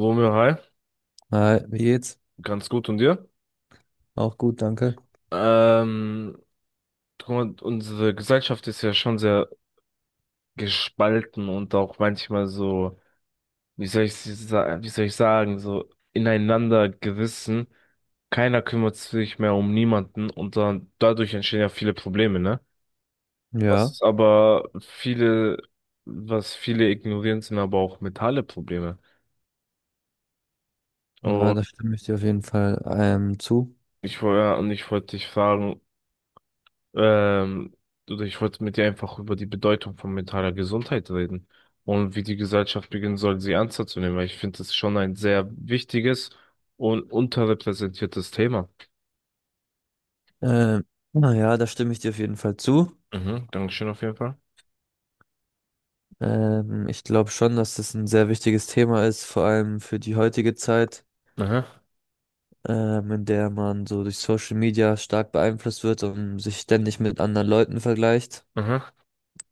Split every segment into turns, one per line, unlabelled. Romeo, hi,
Hi, wie geht's?
ganz gut und dir?
Auch gut, danke.
Ähm, guck mal, unsere Gesellschaft ist ja schon sehr gespalten und auch manchmal so, wie soll ich sagen, so ineinander gerissen. Keiner kümmert sich mehr um niemanden und dann dadurch entstehen ja viele Probleme, ne?
Ja,
Was aber viele, was viele ignorieren, sind aber auch mentale Probleme.
ja,
Und
da stimme ich dir auf jeden Fall zu.
und ich wollte dich fragen, Ähm, oder ich wollte mit dir einfach über die Bedeutung von mentaler Gesundheit reden und wie die Gesellschaft beginnen soll, sie ernster zu nehmen, weil ich finde, das ist schon ein sehr wichtiges und unterrepräsentiertes Thema.
Ähm, naja, da stimme ich dir auf jeden Fall zu.
Mhm, Dankeschön auf jeden Fall.
Ich glaube schon, dass das ein sehr wichtiges Thema ist, vor allem für die heutige Zeit,
Aha,
in der man so durch Social Media stark beeinflusst wird und sich ständig mit anderen Leuten vergleicht.
aha,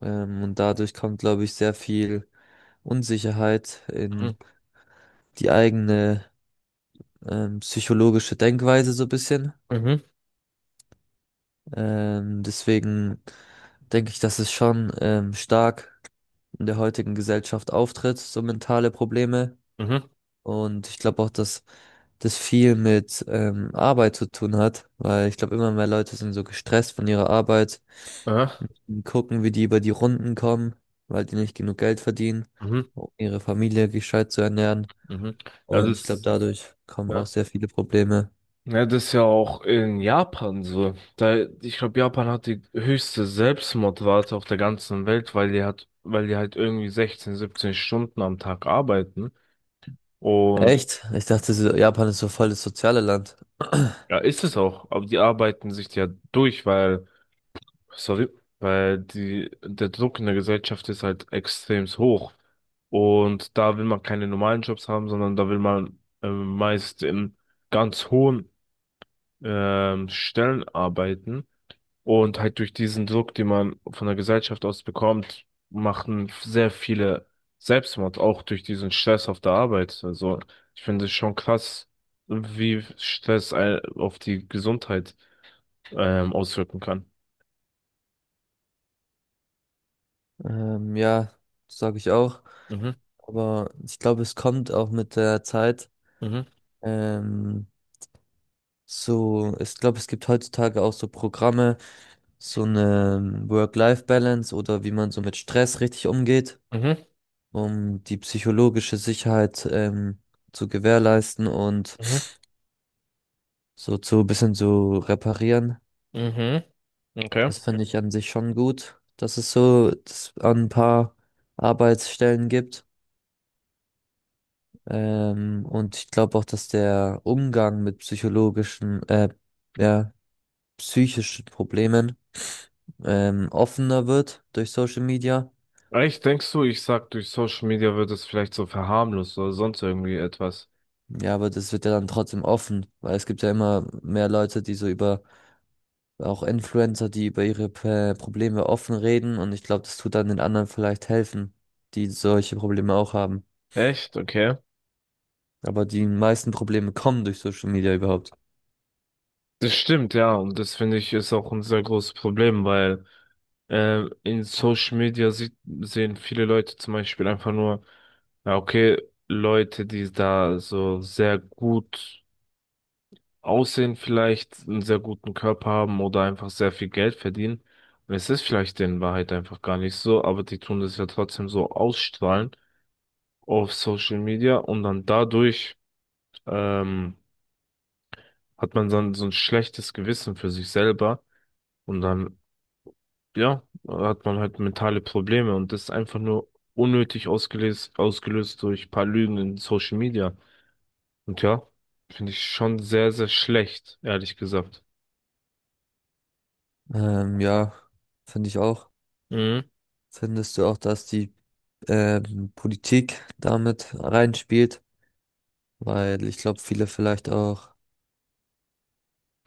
Und dadurch kommt, glaube ich, sehr viel Unsicherheit in
mhm,
die eigene psychologische Denkweise so ein bisschen.
mhm,
Deswegen denke ich, dass es schon stark in der heutigen Gesellschaft auftritt, so mentale Probleme.
mhm,
Und ich glaube auch, dass das viel mit Arbeit zu tun hat, weil ich glaube, immer mehr Leute sind so gestresst von ihrer Arbeit,
aha,
gucken, wie die über die Runden kommen, weil die nicht genug Geld verdienen,
mhm,
um ihre Familie gescheit zu ernähren.
mhm. Ja,
Und ich glaube,
das,
dadurch kommen auch
ja.
sehr viele Probleme.
Ja, das ist ja auch in Japan so. Da, ich glaube, Japan hat die höchste Selbstmordrate auf der ganzen Welt, weil die halt irgendwie 16, 17 Stunden am Tag arbeiten. Und
Echt? Ich dachte, Japan ist so voll das soziale Land.
ja, ist es auch. Aber die arbeiten sich ja durch, weil, sorry, der Druck in der Gesellschaft ist halt extrem hoch. Und da will man keine normalen Jobs haben, sondern da will man meist in ganz hohen Stellen arbeiten. Und halt durch diesen Druck, den man von der Gesellschaft aus bekommt, machen sehr viele Selbstmord, auch durch diesen Stress auf der Arbeit. Also ich finde es schon krass, auf die Gesundheit auswirken kann.
Ja, sage ich auch.
Mhm,
Aber ich glaube, es kommt auch mit der Zeit.
mhm,
Ähm, so, ich glaube, es gibt heutzutage auch so Programme, so eine Work-Life-Balance oder wie man so mit Stress richtig umgeht,
mhm,
um die psychologische Sicherheit zu gewährleisten und
mhm,
so zu ein bisschen so reparieren.
mhm, okay.
Das finde ich an sich schon gut, dass es so dass an ein paar Arbeitsstellen gibt. Und ich glaube auch, dass der Umgang mit psychologischen, ja, psychischen Problemen offener wird durch Social Media.
Echt, denkst du, ich sag, durch Social Media wird es vielleicht so verharmlost oder sonst irgendwie etwas?
Ja, aber das wird ja dann trotzdem offen, weil es gibt ja immer mehr Leute, die so über, auch Influencer, die über ihre Probleme offen reden. Und ich glaube, das tut dann den anderen vielleicht helfen, die solche Probleme auch haben.
Echt, okay.
Aber die meisten Probleme kommen durch Social Media überhaupt.
Das stimmt, ja, und das finde ich ist auch ein sehr großes Problem, weil in Social Media sehen viele Leute zum Beispiel einfach nur, ja, okay, Leute, die da so sehr gut aussehen vielleicht, einen sehr guten Körper haben oder einfach sehr viel Geld verdienen. Und es ist vielleicht in Wahrheit einfach gar nicht so, aber die tun das ja trotzdem so ausstrahlen auf Social Media und dann dadurch ähm, hat man dann so ein schlechtes Gewissen für sich selber und dann ja, hat man halt mentale Probleme und das ist einfach nur ausgelöst durch ein paar Lügen in Social Media. Und ja, finde ich schon sehr, sehr schlecht, ehrlich gesagt.
Ja, finde ich auch.
Mhm.
Findest du auch, dass die Politik damit reinspielt, weil ich glaube, viele vielleicht auch,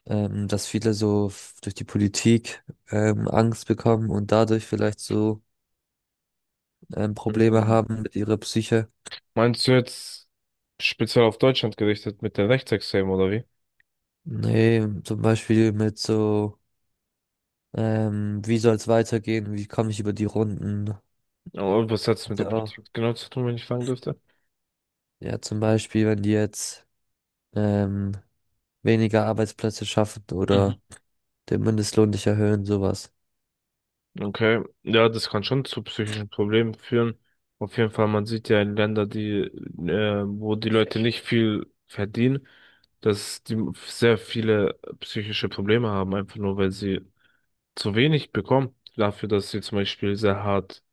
dass viele so durch die Politik Angst bekommen und dadurch vielleicht so Probleme
Mhm.
haben mit ihrer Psyche.
Meinst du jetzt speziell auf Deutschland gerichtet mit den Rechtsextremen oder wie?
Nee, zum Beispiel mit so, wie soll es weitergehen, wie komme ich über die Runden?
Aber was hat es
Hat
mit der
ja, auch,
Politik genau zu tun, wenn ich fragen dürfte?
ja, zum Beispiel, wenn die jetzt ähm, weniger Arbeitsplätze schaffen
Mhm.
oder den Mindestlohn nicht erhöhen, sowas.
Okay, ja, das kann schon zu psychischen Problemen führen. Auf jeden Fall, man sieht ja in Länder, wo die Leute nicht viel verdienen, dass die sehr viele psychische Probleme haben, einfach nur weil sie zu wenig bekommen, dafür, dass sie zum Beispiel sehr hart,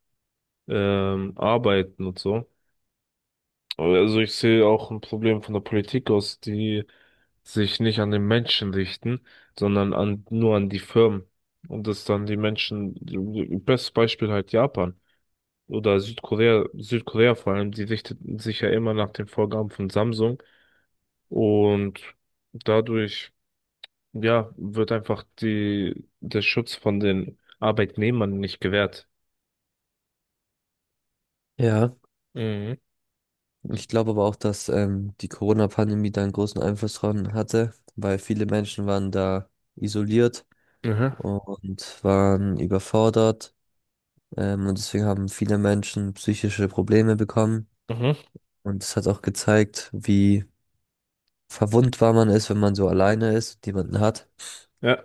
arbeiten und so. Aber also ich sehe auch ein Problem von der Politik aus, die sich nicht an den Menschen richten, sondern nur an die Firmen. Und das dann die Menschen, bestes Beispiel halt Japan oder Südkorea, Südkorea vor allem, die richteten sich ja immer nach den Vorgaben von Samsung und dadurch, ja, wird einfach der Schutz von den Arbeitnehmern nicht gewährt.
Ja.
Mhm.
Ich glaube aber auch, dass die Corona-Pandemie da einen großen Einfluss dran hatte, weil viele Menschen waren da isoliert
Mhm.
und waren überfordert. Und deswegen haben viele Menschen psychische Probleme bekommen.
Mhm.
Und es hat auch gezeigt, wie verwundbar man ist, wenn man so alleine ist und niemanden hat.
Ja.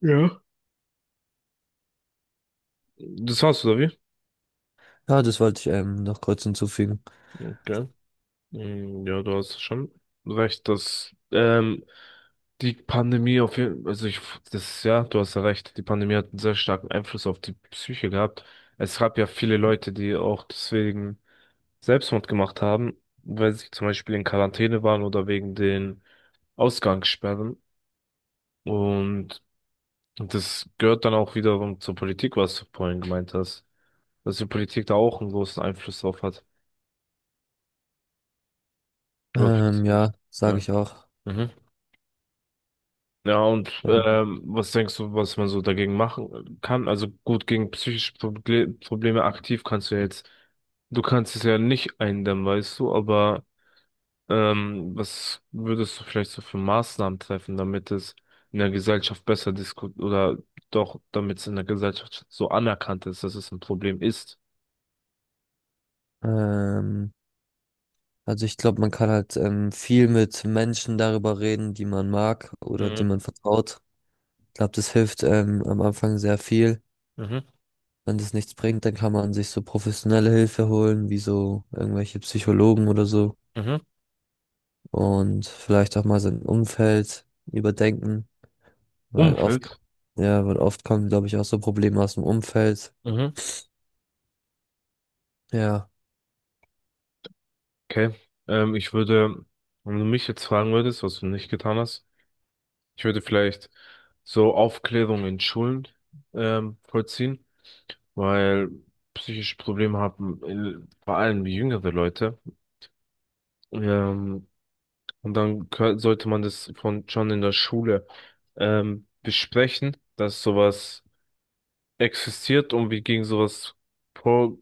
Ja. Das war's, oder wie?
Ja, das wollte ich noch kurz hinzufügen.
Okay. Mm, ja, du hast schon recht, dass die Pandemie auf jeden ja, du hast ja recht, die Pandemie hat einen sehr starken Einfluss auf die Psyche gehabt. Es gab ja viele Leute, die auch deswegen Selbstmord gemacht haben, weil sie zum Beispiel in Quarantäne waren oder wegen den Ausgangssperren. Und das gehört dann auch wiederum zur Politik, was du vorhin gemeint hast, dass die Politik da auch einen großen Einfluss drauf hat. Oder, findest du
Ja,
nicht?
sage
Ja.
ich auch.
Mhm. Ja, und was denkst du, was man so dagegen machen kann? Also gut, gegen psychische Proble Probleme aktiv kannst du ja jetzt, du kannst es ja nicht eindämmen, weißt du, aber was würdest du vielleicht so für Maßnahmen treffen, damit es in der Gesellschaft besser diskutiert oder damit es in der Gesellschaft so anerkannt ist, dass es ein Problem ist?
Ähm, also ich glaube, man kann halt viel mit Menschen darüber reden, die man mag oder die
Mhm.
man vertraut. Ich glaube, das hilft am Anfang sehr viel.
Mhm.
Wenn das nichts bringt, dann kann man sich so professionelle Hilfe holen, wie so irgendwelche Psychologen oder so.
Mhm.
Und vielleicht auch mal sein Umfeld überdenken, weil oft,
Umfeld.
ja, weil oft kommen, glaube ich, auch so Probleme aus dem Umfeld.
Mhm.
Ja,
Okay. Ähm, ich würde, wenn du mich jetzt fragen würdest, was du nicht getan hast, ich würde vielleicht so Aufklärung in Schulen vollziehen, weil psychische Probleme haben vor allem jüngere Leute. Ähm, und dann sollte man das von schon in der Schule besprechen, dass sowas existiert und vorge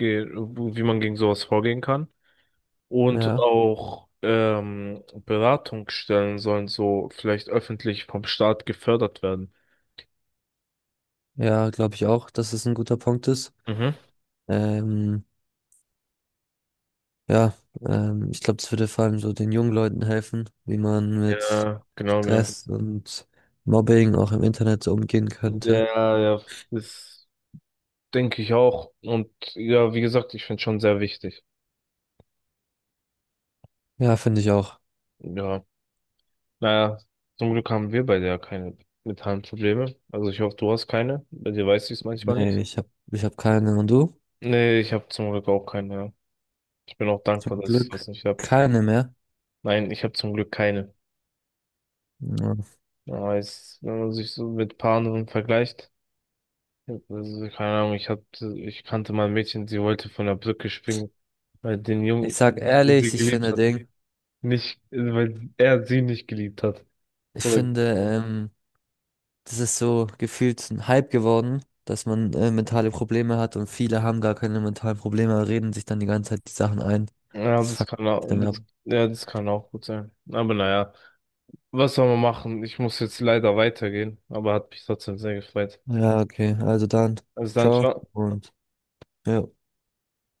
wie man gegen sowas vorgehen kann. Und
ja,
auch Beratungsstellen sollen so vielleicht öffentlich vom Staat gefördert werden.
ja, glaube ich auch, dass es ein guter Punkt ist.
Mhm.
Ähm, ja, ich glaube, das würde vor allem so den jungen Leuten helfen, wie man mit
Ja, genau, genau.
Stress und Mobbing auch im Internet so umgehen könnte.
Ja, ja, das denke ich auch. Und ja, wie gesagt, ich finde es schon sehr wichtig.
Ja, finde ich auch.
Ja, naja, zum Glück haben wir beide ja keine mentalen Probleme. Also ich hoffe, du hast keine. Bei dir weiß ich es manchmal
Nee,
nicht.
ich hab keine. Und du?
Nee, ich habe zum Glück auch keine. Ja. Ich bin auch
Zum
dankbar, dass ich
Glück.
was nicht habe.
Keine mehr.
Nein, ich habe zum Glück keine.
Ja.
Ja, es, wenn man sich so mit ein paar anderen vergleicht, also, keine Ahnung, ich kannte mal ein Mädchen, sie wollte von der Brücke springen, weil den
Ich
Jungen,
sag
den sie
ehrlich,
geliebt hat. Nicht, weil er sie nicht geliebt hat.
Ich
Oder,
finde, ähm, das ist so gefühlt ein Hype geworden, dass man mentale Probleme hat und viele haben gar keine mentalen Probleme, reden sich dann die ganze Zeit die Sachen ein.
ja,
Das
das
fuckt
kann auch,
dann ab.
das, ja, das kann auch gut sein. Aber naja, was soll man machen? Ich muss jetzt leider weitergehen, aber hat mich trotzdem sehr gefreut.
Ja, okay, also dann,
Also dann,
ciao
ciao.
und ja.